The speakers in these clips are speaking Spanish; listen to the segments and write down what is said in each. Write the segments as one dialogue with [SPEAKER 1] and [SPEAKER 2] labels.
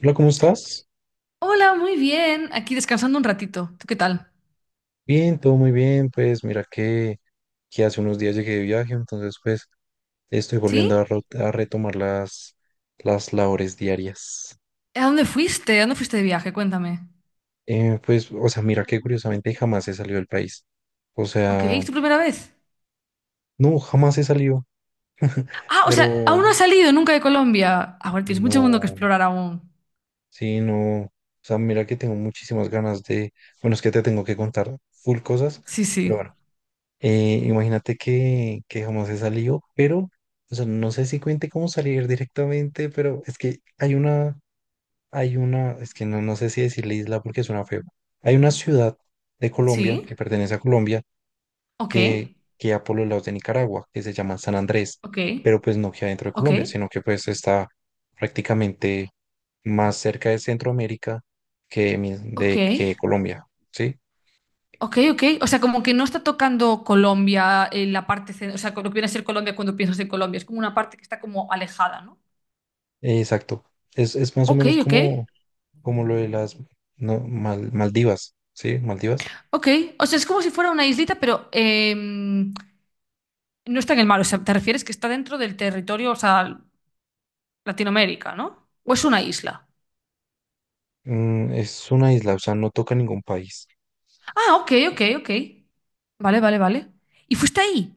[SPEAKER 1] Hola, ¿cómo estás?
[SPEAKER 2] Hola, muy bien. Aquí descansando un ratito. ¿Tú qué tal?
[SPEAKER 1] Bien, todo muy bien. Pues mira que, hace unos días llegué de viaje, entonces pues estoy
[SPEAKER 2] ¿Sí?
[SPEAKER 1] volviendo a, a retomar las labores diarias.
[SPEAKER 2] ¿A dónde fuiste de viaje? Cuéntame.
[SPEAKER 1] O sea, mira que curiosamente jamás he salido del país. O
[SPEAKER 2] Ok, ¿es
[SPEAKER 1] sea,
[SPEAKER 2] tu primera vez?
[SPEAKER 1] no, jamás he salido,
[SPEAKER 2] Ah, o sea,
[SPEAKER 1] pero
[SPEAKER 2] aún no has salido nunca de Colombia. Ahora tienes mucho mundo que
[SPEAKER 1] no,
[SPEAKER 2] explorar aún.
[SPEAKER 1] sí, no. O sea, mira que tengo muchísimas ganas de, bueno, es que te tengo que contar full cosas,
[SPEAKER 2] Sí,
[SPEAKER 1] pero
[SPEAKER 2] sí.
[SPEAKER 1] bueno. Imagínate que, jamás he salido, pero, o sea, no sé si cuente cómo salir directamente, pero es que hay una, es que no, no sé si decirle isla porque suena feo. Hay una ciudad de Colombia
[SPEAKER 2] Sí.
[SPEAKER 1] que pertenece a Colombia
[SPEAKER 2] Ok,
[SPEAKER 1] que queda por los lados de Nicaragua, que se llama San Andrés,
[SPEAKER 2] ok,
[SPEAKER 1] pero pues no queda dentro de
[SPEAKER 2] ok,
[SPEAKER 1] Colombia, sino que pues está prácticamente más cerca de Centroamérica que,
[SPEAKER 2] ok,
[SPEAKER 1] que Colombia, ¿sí?
[SPEAKER 2] ok, ok. O sea, como que no está tocando Colombia en la parte, o sea, lo que viene a ser Colombia cuando piensas en Colombia. Es como una parte que está como alejada, ¿no?
[SPEAKER 1] Exacto. Es más o
[SPEAKER 2] Ok,
[SPEAKER 1] menos
[SPEAKER 2] ok.
[SPEAKER 1] como lo de las no, Maldivas, ¿sí? Maldivas.
[SPEAKER 2] Ok, o sea, es como si fuera una islita, pero. No está en el mar, o sea, te refieres que está dentro del territorio, o sea, Latinoamérica, ¿no? ¿O es una isla?
[SPEAKER 1] Mm, es una isla, o sea, no toca ningún país.
[SPEAKER 2] Ah, ok, ok, ok. Vale, vale, vale. ¿Y fuiste ahí?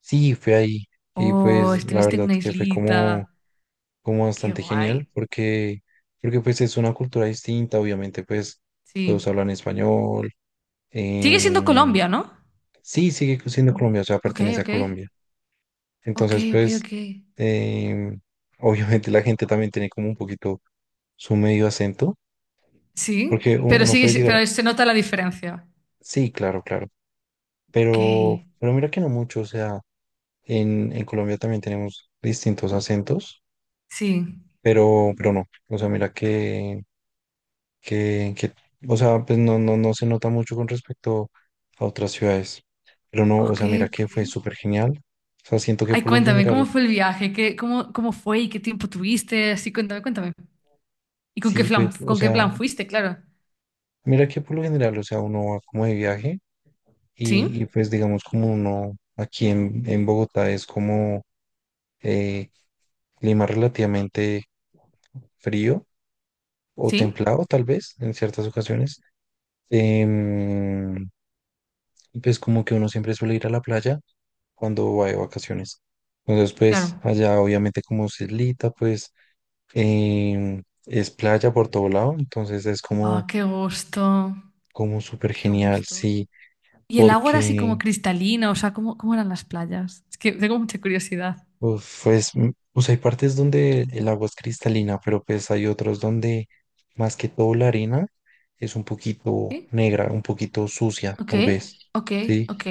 [SPEAKER 1] Sí, fue ahí y
[SPEAKER 2] Oh,
[SPEAKER 1] pues la
[SPEAKER 2] estuviste en
[SPEAKER 1] verdad
[SPEAKER 2] una
[SPEAKER 1] que fue como,
[SPEAKER 2] islita.
[SPEAKER 1] como
[SPEAKER 2] Qué
[SPEAKER 1] bastante genial
[SPEAKER 2] guay.
[SPEAKER 1] porque, porque pues es una cultura distinta, obviamente pues todos
[SPEAKER 2] Sí.
[SPEAKER 1] hablan español.
[SPEAKER 2] Sigue siendo
[SPEAKER 1] em,
[SPEAKER 2] Colombia, ¿no?
[SPEAKER 1] sí, sigue siendo Colombia, o sea,
[SPEAKER 2] Ok,
[SPEAKER 1] pertenece a
[SPEAKER 2] ok.
[SPEAKER 1] Colombia.
[SPEAKER 2] Ok,
[SPEAKER 1] Entonces
[SPEAKER 2] ok,
[SPEAKER 1] pues
[SPEAKER 2] ok.
[SPEAKER 1] em, obviamente la gente también tiene como un poquito su medio acento
[SPEAKER 2] Sí,
[SPEAKER 1] porque
[SPEAKER 2] pero
[SPEAKER 1] uno
[SPEAKER 2] sigue,
[SPEAKER 1] puede
[SPEAKER 2] si-
[SPEAKER 1] llegar a...
[SPEAKER 2] pero se nota la diferencia.
[SPEAKER 1] Sí, claro, claro.
[SPEAKER 2] Ok,
[SPEAKER 1] Pero mira que no mucho, o sea, en Colombia también tenemos distintos acentos,
[SPEAKER 2] sí.
[SPEAKER 1] pero no, o sea, mira que, que, que, o sea, pues no, no, no se nota mucho con respecto a otras ciudades, pero no, o
[SPEAKER 2] Ok,
[SPEAKER 1] sea, mira
[SPEAKER 2] ok.
[SPEAKER 1] que fue súper genial, o sea, siento que
[SPEAKER 2] Ay,
[SPEAKER 1] por lo
[SPEAKER 2] cuéntame, ¿cómo
[SPEAKER 1] general,
[SPEAKER 2] fue el viaje? Cómo fue y qué tiempo tuviste? Así, cuéntame, cuéntame. ¿Y con qué
[SPEAKER 1] sí,
[SPEAKER 2] plan,
[SPEAKER 1] pues, o
[SPEAKER 2] con qué
[SPEAKER 1] sea,
[SPEAKER 2] plan fuiste? Claro.
[SPEAKER 1] mira que por lo general, o sea, uno va como de viaje y
[SPEAKER 2] ¿Sí?
[SPEAKER 1] pues digamos como uno aquí en Bogotá es como eh, clima relativamente frío o
[SPEAKER 2] ¿Sí?
[SPEAKER 1] templado tal vez en ciertas ocasiones. Em, y pues como que uno siempre suele ir a la playa cuando va de vacaciones. Entonces pues
[SPEAKER 2] Claro.
[SPEAKER 1] allá obviamente como es islita pues es playa por todo lado, entonces es
[SPEAKER 2] Ah,
[SPEAKER 1] como,
[SPEAKER 2] qué gusto.
[SPEAKER 1] como súper
[SPEAKER 2] Qué
[SPEAKER 1] genial,
[SPEAKER 2] gusto.
[SPEAKER 1] sí,
[SPEAKER 2] ¿Y el agua era así
[SPEAKER 1] porque
[SPEAKER 2] como cristalina? O sea, ¿cómo eran las playas? Es que tengo mucha curiosidad.
[SPEAKER 1] uf, pues, mm, o hay partes donde el agua es cristalina, pero pues hay otros donde más que todo la arena es un poquito
[SPEAKER 2] ¿Sí?
[SPEAKER 1] negra, un poquito sucia
[SPEAKER 2] Ok,
[SPEAKER 1] tal vez.
[SPEAKER 2] ok,
[SPEAKER 1] ¿Sí?
[SPEAKER 2] ok.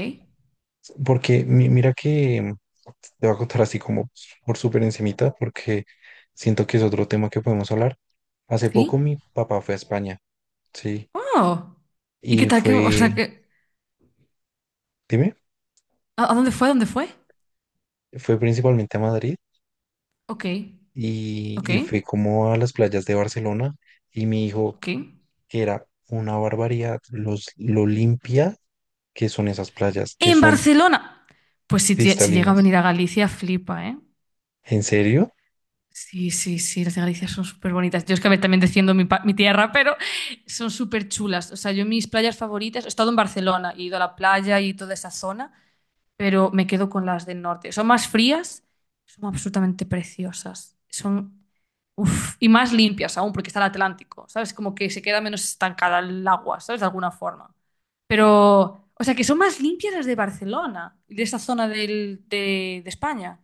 [SPEAKER 1] Porque mira que te voy a contar así como por súper encimita, porque siento que es otro tema que podemos hablar. Hace
[SPEAKER 2] ¿Sí?
[SPEAKER 1] poco mi papá fue a España, sí,
[SPEAKER 2] ¡Oh! ¿Y qué
[SPEAKER 1] y
[SPEAKER 2] tal que, o
[SPEAKER 1] fue,
[SPEAKER 2] sea, que,
[SPEAKER 1] dime,
[SPEAKER 2] ¿a dónde fue?
[SPEAKER 1] fue principalmente a Madrid
[SPEAKER 2] Ok, ok,
[SPEAKER 1] y fue como a las playas de Barcelona y mi hijo,
[SPEAKER 2] ok.
[SPEAKER 1] que era una barbaridad, lo limpia que son esas playas, que
[SPEAKER 2] En
[SPEAKER 1] son
[SPEAKER 2] Barcelona. Pues si llega a
[SPEAKER 1] cristalinas.
[SPEAKER 2] venir a Galicia, flipa, ¿eh?
[SPEAKER 1] ¿En serio?
[SPEAKER 2] Sí, sí, sí, las de Galicia son súper bonitas. Yo es que a ver, también defiendo mi tierra, pero son súper chulas. O sea, yo mis playas favoritas, he estado en Barcelona, he ido a la playa y toda esa zona, pero me quedo con las del norte. Son más frías, son absolutamente preciosas. Son, uf, y más limpias aún, porque está el Atlántico, ¿sabes? Como que se queda menos estancada el agua, ¿sabes? De alguna forma. Pero, o sea, que son más limpias las de Barcelona, de esa zona de España.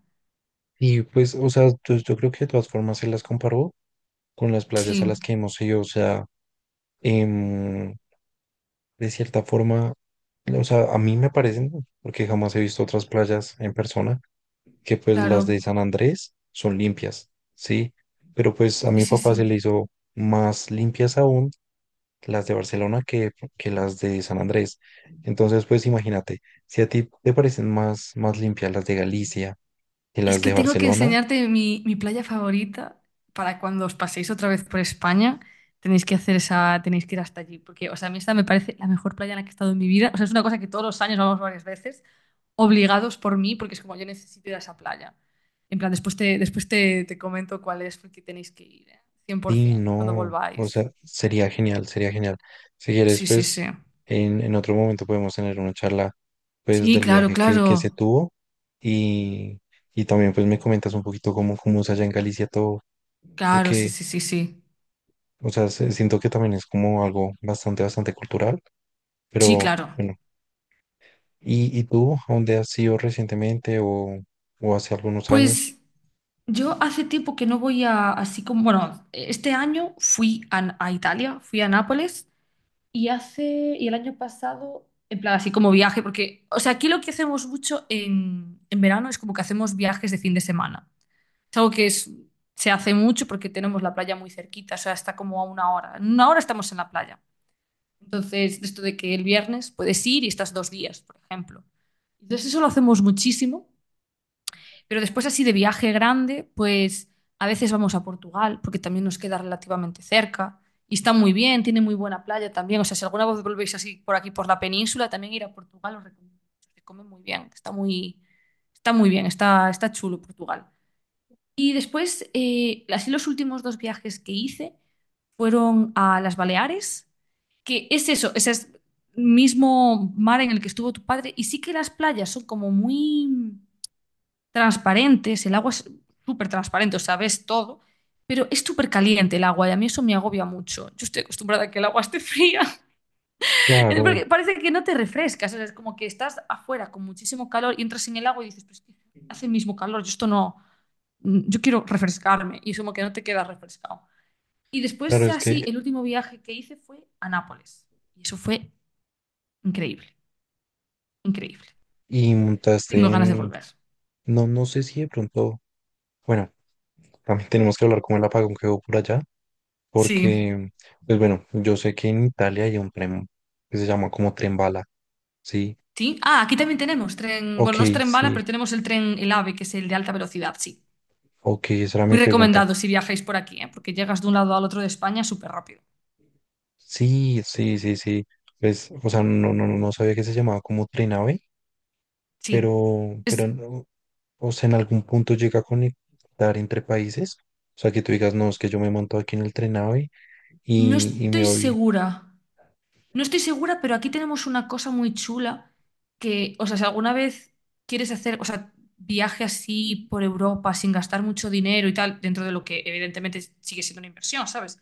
[SPEAKER 1] Y pues, o sea, yo creo que de todas formas se las comparó con las
[SPEAKER 2] Sí,
[SPEAKER 1] playas a las que hemos ido, o sea, em, de cierta forma, o sea, a mí me parecen, porque jamás he visto otras playas en persona, que pues las
[SPEAKER 2] claro.
[SPEAKER 1] de San Andrés son limpias, ¿sí? Pero pues a
[SPEAKER 2] Sí,
[SPEAKER 1] mi
[SPEAKER 2] sí,
[SPEAKER 1] papá se
[SPEAKER 2] sí.
[SPEAKER 1] le hizo más limpias aún las de Barcelona que las de San Andrés. Entonces, pues
[SPEAKER 2] Es que tengo que enseñarte mi playa favorita para cuando os paséis otra vez por España. Tenéis que ir hasta allí. Porque, o sea, a mí esta me parece la mejor playa en la que he estado en mi vida. O sea, es una cosa que todos los años vamos varias veces, obligados por mí, porque es como yo necesito ir a esa playa. En plan, después te comento cuál es, porque tenéis que ir, ¿eh?
[SPEAKER 1] sí,
[SPEAKER 2] 100% cuando
[SPEAKER 1] no, o
[SPEAKER 2] volváis.
[SPEAKER 1] sea, sería genial, sería genial. Si quieres,
[SPEAKER 2] Sí, sí, sí.
[SPEAKER 1] pues en otro momento podemos tener una charla, pues
[SPEAKER 2] Sí,
[SPEAKER 1] del
[SPEAKER 2] claro,
[SPEAKER 1] viaje que se
[SPEAKER 2] claro.
[SPEAKER 1] tuvo y, y también pues me comentas un poquito cómo, cómo es allá en Galicia todo,
[SPEAKER 2] Claro, sí,
[SPEAKER 1] porque,
[SPEAKER 2] sí, sí, sí.
[SPEAKER 1] o sea, siento que también es como algo bastante, bastante cultural,
[SPEAKER 2] Sí,
[SPEAKER 1] pero
[SPEAKER 2] claro.
[SPEAKER 1] bueno. Y tú, a dónde has ido recientemente o hace algunos años?
[SPEAKER 2] Pues yo hace tiempo que no voy así como, bueno, este año fui a Italia, fui a Nápoles y el año pasado, en plan, así como viaje, porque, o sea, aquí lo que hacemos mucho en verano es como que hacemos viajes de fin de semana. Es algo que se hace mucho porque tenemos la playa muy cerquita, o sea, está como a una hora. En una hora estamos en la playa. Entonces, esto de que el viernes puedes ir y estás 2 días, por ejemplo. Entonces, eso lo hacemos muchísimo. Pero después así de viaje grande, pues a veces vamos a Portugal, porque también nos queda relativamente cerca. Y está muy bien, tiene muy buena playa también. O sea, si alguna vez volvéis así por aquí, por la península, también ir a Portugal os recomiendo mucho. Se come muy bien, está muy bien, está chulo Portugal. Y después, así los últimos 2 viajes que hice fueron a las Baleares, que es eso, ese es el mismo mar en el que estuvo tu padre. Y sí que las playas son como muy transparentes, el agua es súper transparente, o sea, ves todo, pero es súper caliente el agua y a mí eso me agobia mucho. Yo estoy acostumbrada a que el agua esté fría,
[SPEAKER 1] Claro,
[SPEAKER 2] porque parece que no te refrescas, o sea, es como que estás afuera con muchísimo calor y entras en el agua y dices, pero es que hace el mismo calor, yo esto no, yo quiero refrescarme y es como que no te quedas refrescado. Y después,
[SPEAKER 1] claro, es
[SPEAKER 2] así,
[SPEAKER 1] que,
[SPEAKER 2] el último viaje que hice fue a Nápoles y eso fue increíble, increíble.
[SPEAKER 1] y
[SPEAKER 2] Tengo
[SPEAKER 1] montaste
[SPEAKER 2] ganas de
[SPEAKER 1] en,
[SPEAKER 2] volver.
[SPEAKER 1] no, no sé si de pronto... Bueno Cami, tenemos que hablar como el apagón que hubo por allá,
[SPEAKER 2] Sí.
[SPEAKER 1] porque, pues bueno, yo sé que en Italia hay un tren que se llama como tren bala, ¿sí?
[SPEAKER 2] Sí. Ah, aquí también tenemos tren,
[SPEAKER 1] Ok,
[SPEAKER 2] bueno, no es tren bala,
[SPEAKER 1] sí,
[SPEAKER 2] pero tenemos el tren, el AVE, que es el de alta velocidad, sí.
[SPEAKER 1] ok, esa era
[SPEAKER 2] Muy
[SPEAKER 1] mi pregunta.
[SPEAKER 2] recomendado si viajáis por aquí, ¿eh? Porque llegas de un lado al otro de España súper rápido.
[SPEAKER 1] Sí, sí, sí, sí. Pues, o sea, no, no, no sabía que se llamaba como tren AVE,
[SPEAKER 2] Sí.
[SPEAKER 1] pero,
[SPEAKER 2] Es-
[SPEAKER 1] no, o sea, en algún punto llega a conectar entre países. O sea, que tú digas, no, es que yo me monto aquí en el tren AVE
[SPEAKER 2] no
[SPEAKER 1] y me
[SPEAKER 2] estoy
[SPEAKER 1] voy,
[SPEAKER 2] segura, no estoy segura, pero aquí tenemos una cosa muy chula que, o sea, si alguna vez quieres hacer, o sea, viaje así por Europa sin gastar mucho dinero y tal, dentro de lo que evidentemente sigue siendo una inversión, ¿sabes?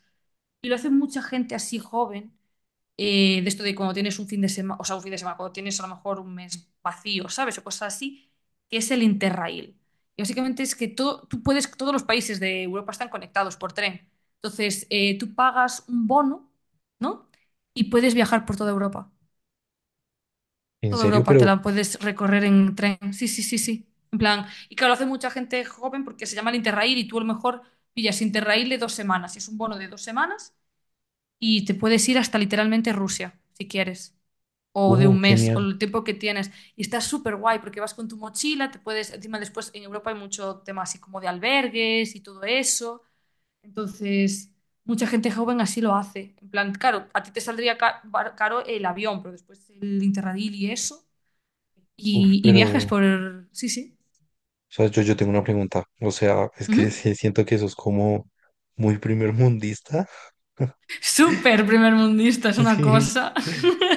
[SPEAKER 2] Y lo hace mucha gente así joven de esto de cuando tienes un fin de semana, o sea, un fin de semana, cuando tienes a lo mejor un mes vacío, ¿sabes? O cosas así, que es el Interrail. Y básicamente es que todos los países de Europa están conectados por tren. Entonces, tú pagas un bono, ¿no? Y puedes viajar por toda Europa.
[SPEAKER 1] en
[SPEAKER 2] Toda
[SPEAKER 1] serio,
[SPEAKER 2] Europa te
[SPEAKER 1] pero,
[SPEAKER 2] la puedes recorrer en tren. Sí, sí, sí, sí. En plan, y claro, lo hace mucha gente joven porque se llama el Interrail y tú a lo mejor pillas Interrail de 2 semanas. Y es un bono de 2 semanas y te puedes ir hasta literalmente Rusia, si quieres o de un mes o
[SPEAKER 1] genial,
[SPEAKER 2] el tiempo que tienes. Y está súper guay porque vas con tu mochila, encima después en Europa hay mucho tema así como de albergues y todo eso. Entonces, mucha gente joven así lo hace. En plan, claro, a ti te saldría caro el avión, pero después el Interrail y eso.
[SPEAKER 1] uf,
[SPEAKER 2] Y viajes
[SPEAKER 1] pero.
[SPEAKER 2] por... Sí, sí.
[SPEAKER 1] O sea, yo tengo una pregunta. O sea, es que
[SPEAKER 2] Ujú.
[SPEAKER 1] sí siento que eso es como muy primer mundista.
[SPEAKER 2] Súper primer mundista, es una
[SPEAKER 1] Sí.
[SPEAKER 2] cosa.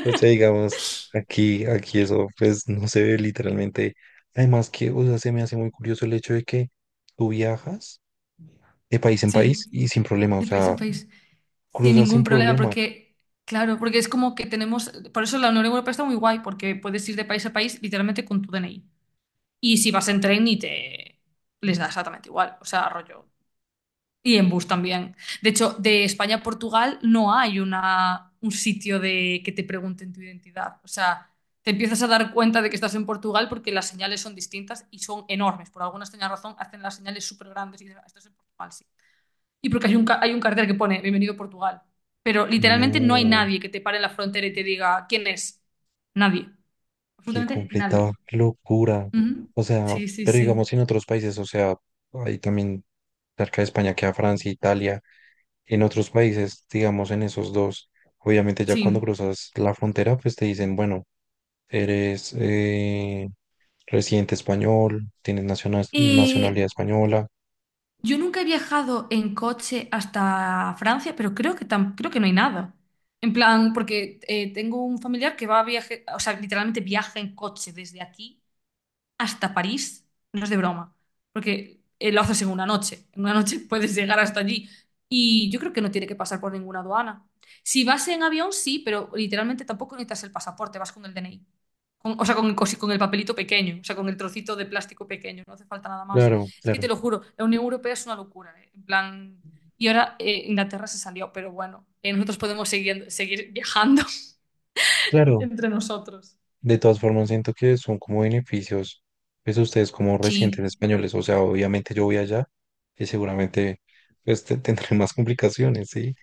[SPEAKER 1] O sea, digamos, aquí, aquí eso, pues no se ve literalmente. Además que, o sea, se me hace muy curioso el hecho de que tú viajas de país en
[SPEAKER 2] Sí,
[SPEAKER 1] país y sin problema. O
[SPEAKER 2] de país en
[SPEAKER 1] sea,
[SPEAKER 2] país. Sin
[SPEAKER 1] cruzas sin
[SPEAKER 2] ningún problema,
[SPEAKER 1] problema.
[SPEAKER 2] porque, claro, porque es como que tenemos, por eso la Unión Europea está muy guay, porque puedes ir de país a país literalmente con tu DNI. Y si vas en tren y te les da exactamente igual, o sea, rollo. Y en bus también. De hecho, de España a Portugal no hay un sitio de que te pregunten tu identidad. O sea, te empiezas a dar cuenta de que estás en Portugal porque las señales son distintas y son enormes. Por alguna extraña razón hacen las señales súper grandes y dices, "Ah, esto es en Portugal, sí. Y porque hay un cartel que pone Bienvenido a Portugal. Pero literalmente no hay
[SPEAKER 1] No,
[SPEAKER 2] nadie que te pare en la frontera y te diga quién es. Nadie.
[SPEAKER 1] qué
[SPEAKER 2] Absolutamente nadie.
[SPEAKER 1] completa locura.
[SPEAKER 2] Ujú.
[SPEAKER 1] O sea,
[SPEAKER 2] Sí, sí,
[SPEAKER 1] pero
[SPEAKER 2] sí.
[SPEAKER 1] digamos en otros países, o sea, hay también cerca de España queda Francia, Italia. En otros países, digamos en esos dos, obviamente ya cuando
[SPEAKER 2] Sí.
[SPEAKER 1] cruzas la frontera, pues te dicen, bueno, eres residente español, tienes nacionalidad
[SPEAKER 2] Eh,
[SPEAKER 1] española.
[SPEAKER 2] yo nunca he viajado en coche hasta Francia, pero creo que no hay nada. En plan, porque tengo un familiar que va a viaje, o sea, literalmente viaja en coche desde aquí hasta París, no es de broma, porque lo haces en una noche. En una noche puedes llegar hasta allí. Y yo creo que no tiene que pasar por ninguna aduana. Si vas en avión, sí, pero literalmente tampoco necesitas el pasaporte, vas con el DNI. O sea, con el papelito pequeño, o sea, con el trocito de plástico pequeño, no hace falta nada más.
[SPEAKER 1] Claro,
[SPEAKER 2] Es que te
[SPEAKER 1] claro,
[SPEAKER 2] lo juro, la Unión Europea es una locura, ¿eh? En plan... Y ahora Inglaterra se salió, pero bueno, nosotros podemos seguir viajando
[SPEAKER 1] claro.
[SPEAKER 2] entre nosotros.
[SPEAKER 1] De todas formas, siento que son como beneficios, pues ustedes como residentes
[SPEAKER 2] Sí.
[SPEAKER 1] españoles, o sea, obviamente yo voy allá y seguramente pues tendré más complicaciones, ¿sí?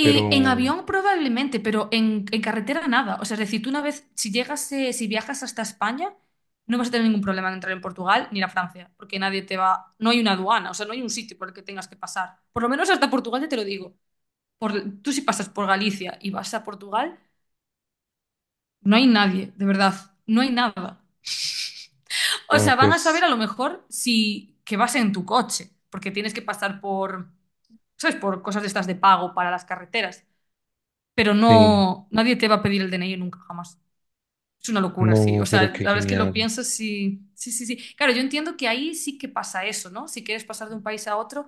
[SPEAKER 1] Pero,
[SPEAKER 2] en avión probablemente, pero en, carretera nada. O sea, es decir, si viajas hasta España, no vas a tener ningún problema en entrar en Portugal ni ir a Francia, porque nadie te va, no hay una aduana, o sea, no hay un sitio por el que tengas que pasar. Por lo menos hasta Portugal, ya te lo digo. Por, tú si pasas por Galicia y vas a Portugal, no hay nadie, de verdad, no hay nada. O
[SPEAKER 1] ah,
[SPEAKER 2] sea, van a saber
[SPEAKER 1] pues
[SPEAKER 2] a lo mejor si que vas en tu coche, porque tienes que pasar por, ¿sabes? Por cosas de estas de pago para las carreteras. Pero
[SPEAKER 1] sí,
[SPEAKER 2] no, nadie te va a pedir el DNI nunca jamás. Es una locura, sí. O
[SPEAKER 1] no,
[SPEAKER 2] sea,
[SPEAKER 1] pero
[SPEAKER 2] la
[SPEAKER 1] qué
[SPEAKER 2] verdad es que lo
[SPEAKER 1] genial.
[SPEAKER 2] piensas sí, sí, sí, sí. Claro, yo entiendo que ahí sí que pasa eso, ¿no? Si quieres pasar de un país a otro,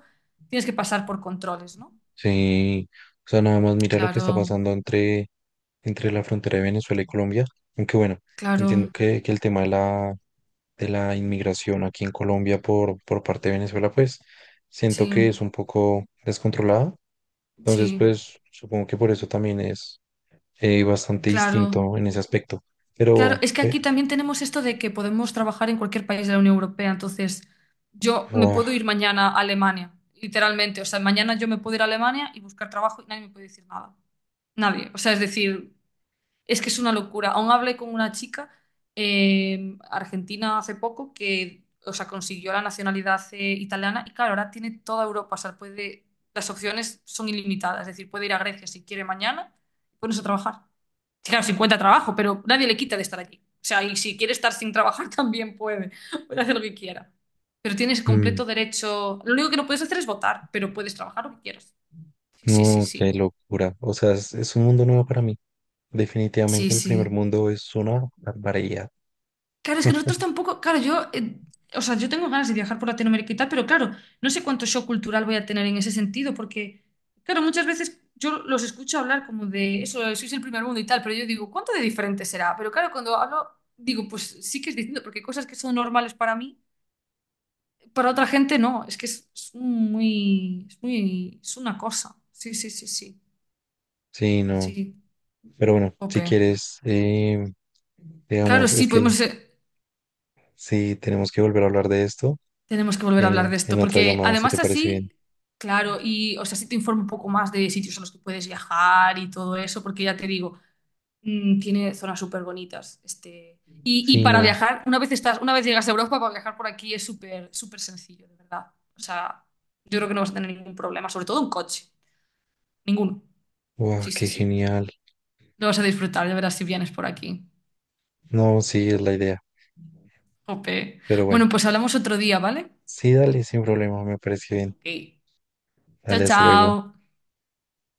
[SPEAKER 2] tienes que pasar por controles, ¿no?
[SPEAKER 1] Sí, o sea, nada más mira lo que está
[SPEAKER 2] Claro,
[SPEAKER 1] pasando entre, entre la frontera de Venezuela y Colombia, aunque bueno, entiendo
[SPEAKER 2] claro,
[SPEAKER 1] que el tema de la inmigración aquí en Colombia por parte de Venezuela, pues siento que
[SPEAKER 2] sí,
[SPEAKER 1] es un poco descontrolado, entonces
[SPEAKER 2] sí,
[SPEAKER 1] pues supongo que por eso también es bastante
[SPEAKER 2] claro.
[SPEAKER 1] distinto en ese aspecto,
[SPEAKER 2] Claro,
[SPEAKER 1] pero
[SPEAKER 2] es que aquí también tenemos esto de que podemos trabajar en cualquier país de la Unión Europea, entonces yo me
[SPEAKER 1] ¡guau!
[SPEAKER 2] puedo ir mañana a Alemania, literalmente. O sea, mañana yo me puedo ir a Alemania y buscar trabajo y nadie me puede decir nada. Nadie. O sea, es decir, es que es una locura. Aún hablé con una chica argentina hace poco que, o sea, consiguió la nacionalidad italiana y claro, ahora tiene toda Europa. O sea, las opciones son ilimitadas. Es decir, puede ir a Grecia si quiere mañana y ponerse a trabajar. Sí, claro, si encuentra trabajo, pero nadie le quita de estar allí. O sea, y si quiere estar sin trabajar también puede. Puede hacer lo que quiera. Pero tienes
[SPEAKER 1] Mm,
[SPEAKER 2] completo derecho. Lo único que no puedes hacer es votar, pero puedes trabajar lo que quieras. Sí, sí, sí,
[SPEAKER 1] no, qué
[SPEAKER 2] sí.
[SPEAKER 1] locura, o sea, es un mundo nuevo para mí,
[SPEAKER 2] Sí,
[SPEAKER 1] definitivamente el primer
[SPEAKER 2] sí.
[SPEAKER 1] mundo es una barbaridad,
[SPEAKER 2] Claro, es que nosotros tampoco, claro, o sea, yo tengo ganas de viajar por Latinoamérica y tal, pero claro, no sé cuánto shock cultural voy a tener en ese sentido, porque, claro, muchas veces yo los escucho hablar como de eso, sois el primer mundo y tal, pero yo digo, ¿cuánto de diferente será? Pero claro, cuando hablo, digo, pues sí que es distinto, porque hay cosas que son normales para mí, para otra gente no, es que es un muy, es una cosa. Sí, sí, sí, sí,
[SPEAKER 1] sí, no.
[SPEAKER 2] sí,
[SPEAKER 1] Pero bueno, si
[SPEAKER 2] ope.
[SPEAKER 1] quieres,
[SPEAKER 2] Claro,
[SPEAKER 1] digamos, es
[SPEAKER 2] sí,
[SPEAKER 1] que
[SPEAKER 2] podemos ser.
[SPEAKER 1] sí tenemos que volver a hablar de esto
[SPEAKER 2] Tenemos que volver a hablar de esto,
[SPEAKER 1] en otra
[SPEAKER 2] porque
[SPEAKER 1] llamada, si te
[SPEAKER 2] además
[SPEAKER 1] parece bien.
[SPEAKER 2] así, claro, y o sea, sí te informo un poco más de sitios a los que puedes viajar y todo eso, porque ya te digo, tiene zonas súper bonitas. Este, y
[SPEAKER 1] Sí,
[SPEAKER 2] para
[SPEAKER 1] no.
[SPEAKER 2] viajar, una vez llegas a Europa, para viajar por aquí es súper, súper sencillo, de verdad. O sea, yo creo que no vas a tener ningún problema, sobre todo en coche. Ninguno.
[SPEAKER 1] Wow,
[SPEAKER 2] Sí, sí,
[SPEAKER 1] qué
[SPEAKER 2] sí.
[SPEAKER 1] genial.
[SPEAKER 2] Lo vas a disfrutar, ya verás si vienes por aquí.
[SPEAKER 1] No, sí, es la idea.
[SPEAKER 2] Jope.
[SPEAKER 1] Pero
[SPEAKER 2] Bueno,
[SPEAKER 1] bueno,
[SPEAKER 2] pues hablamos otro día, ¿vale?
[SPEAKER 1] sí, dale, sin problema, me parece bien.
[SPEAKER 2] Ok. Chao,
[SPEAKER 1] Dale, hasta luego.
[SPEAKER 2] chao.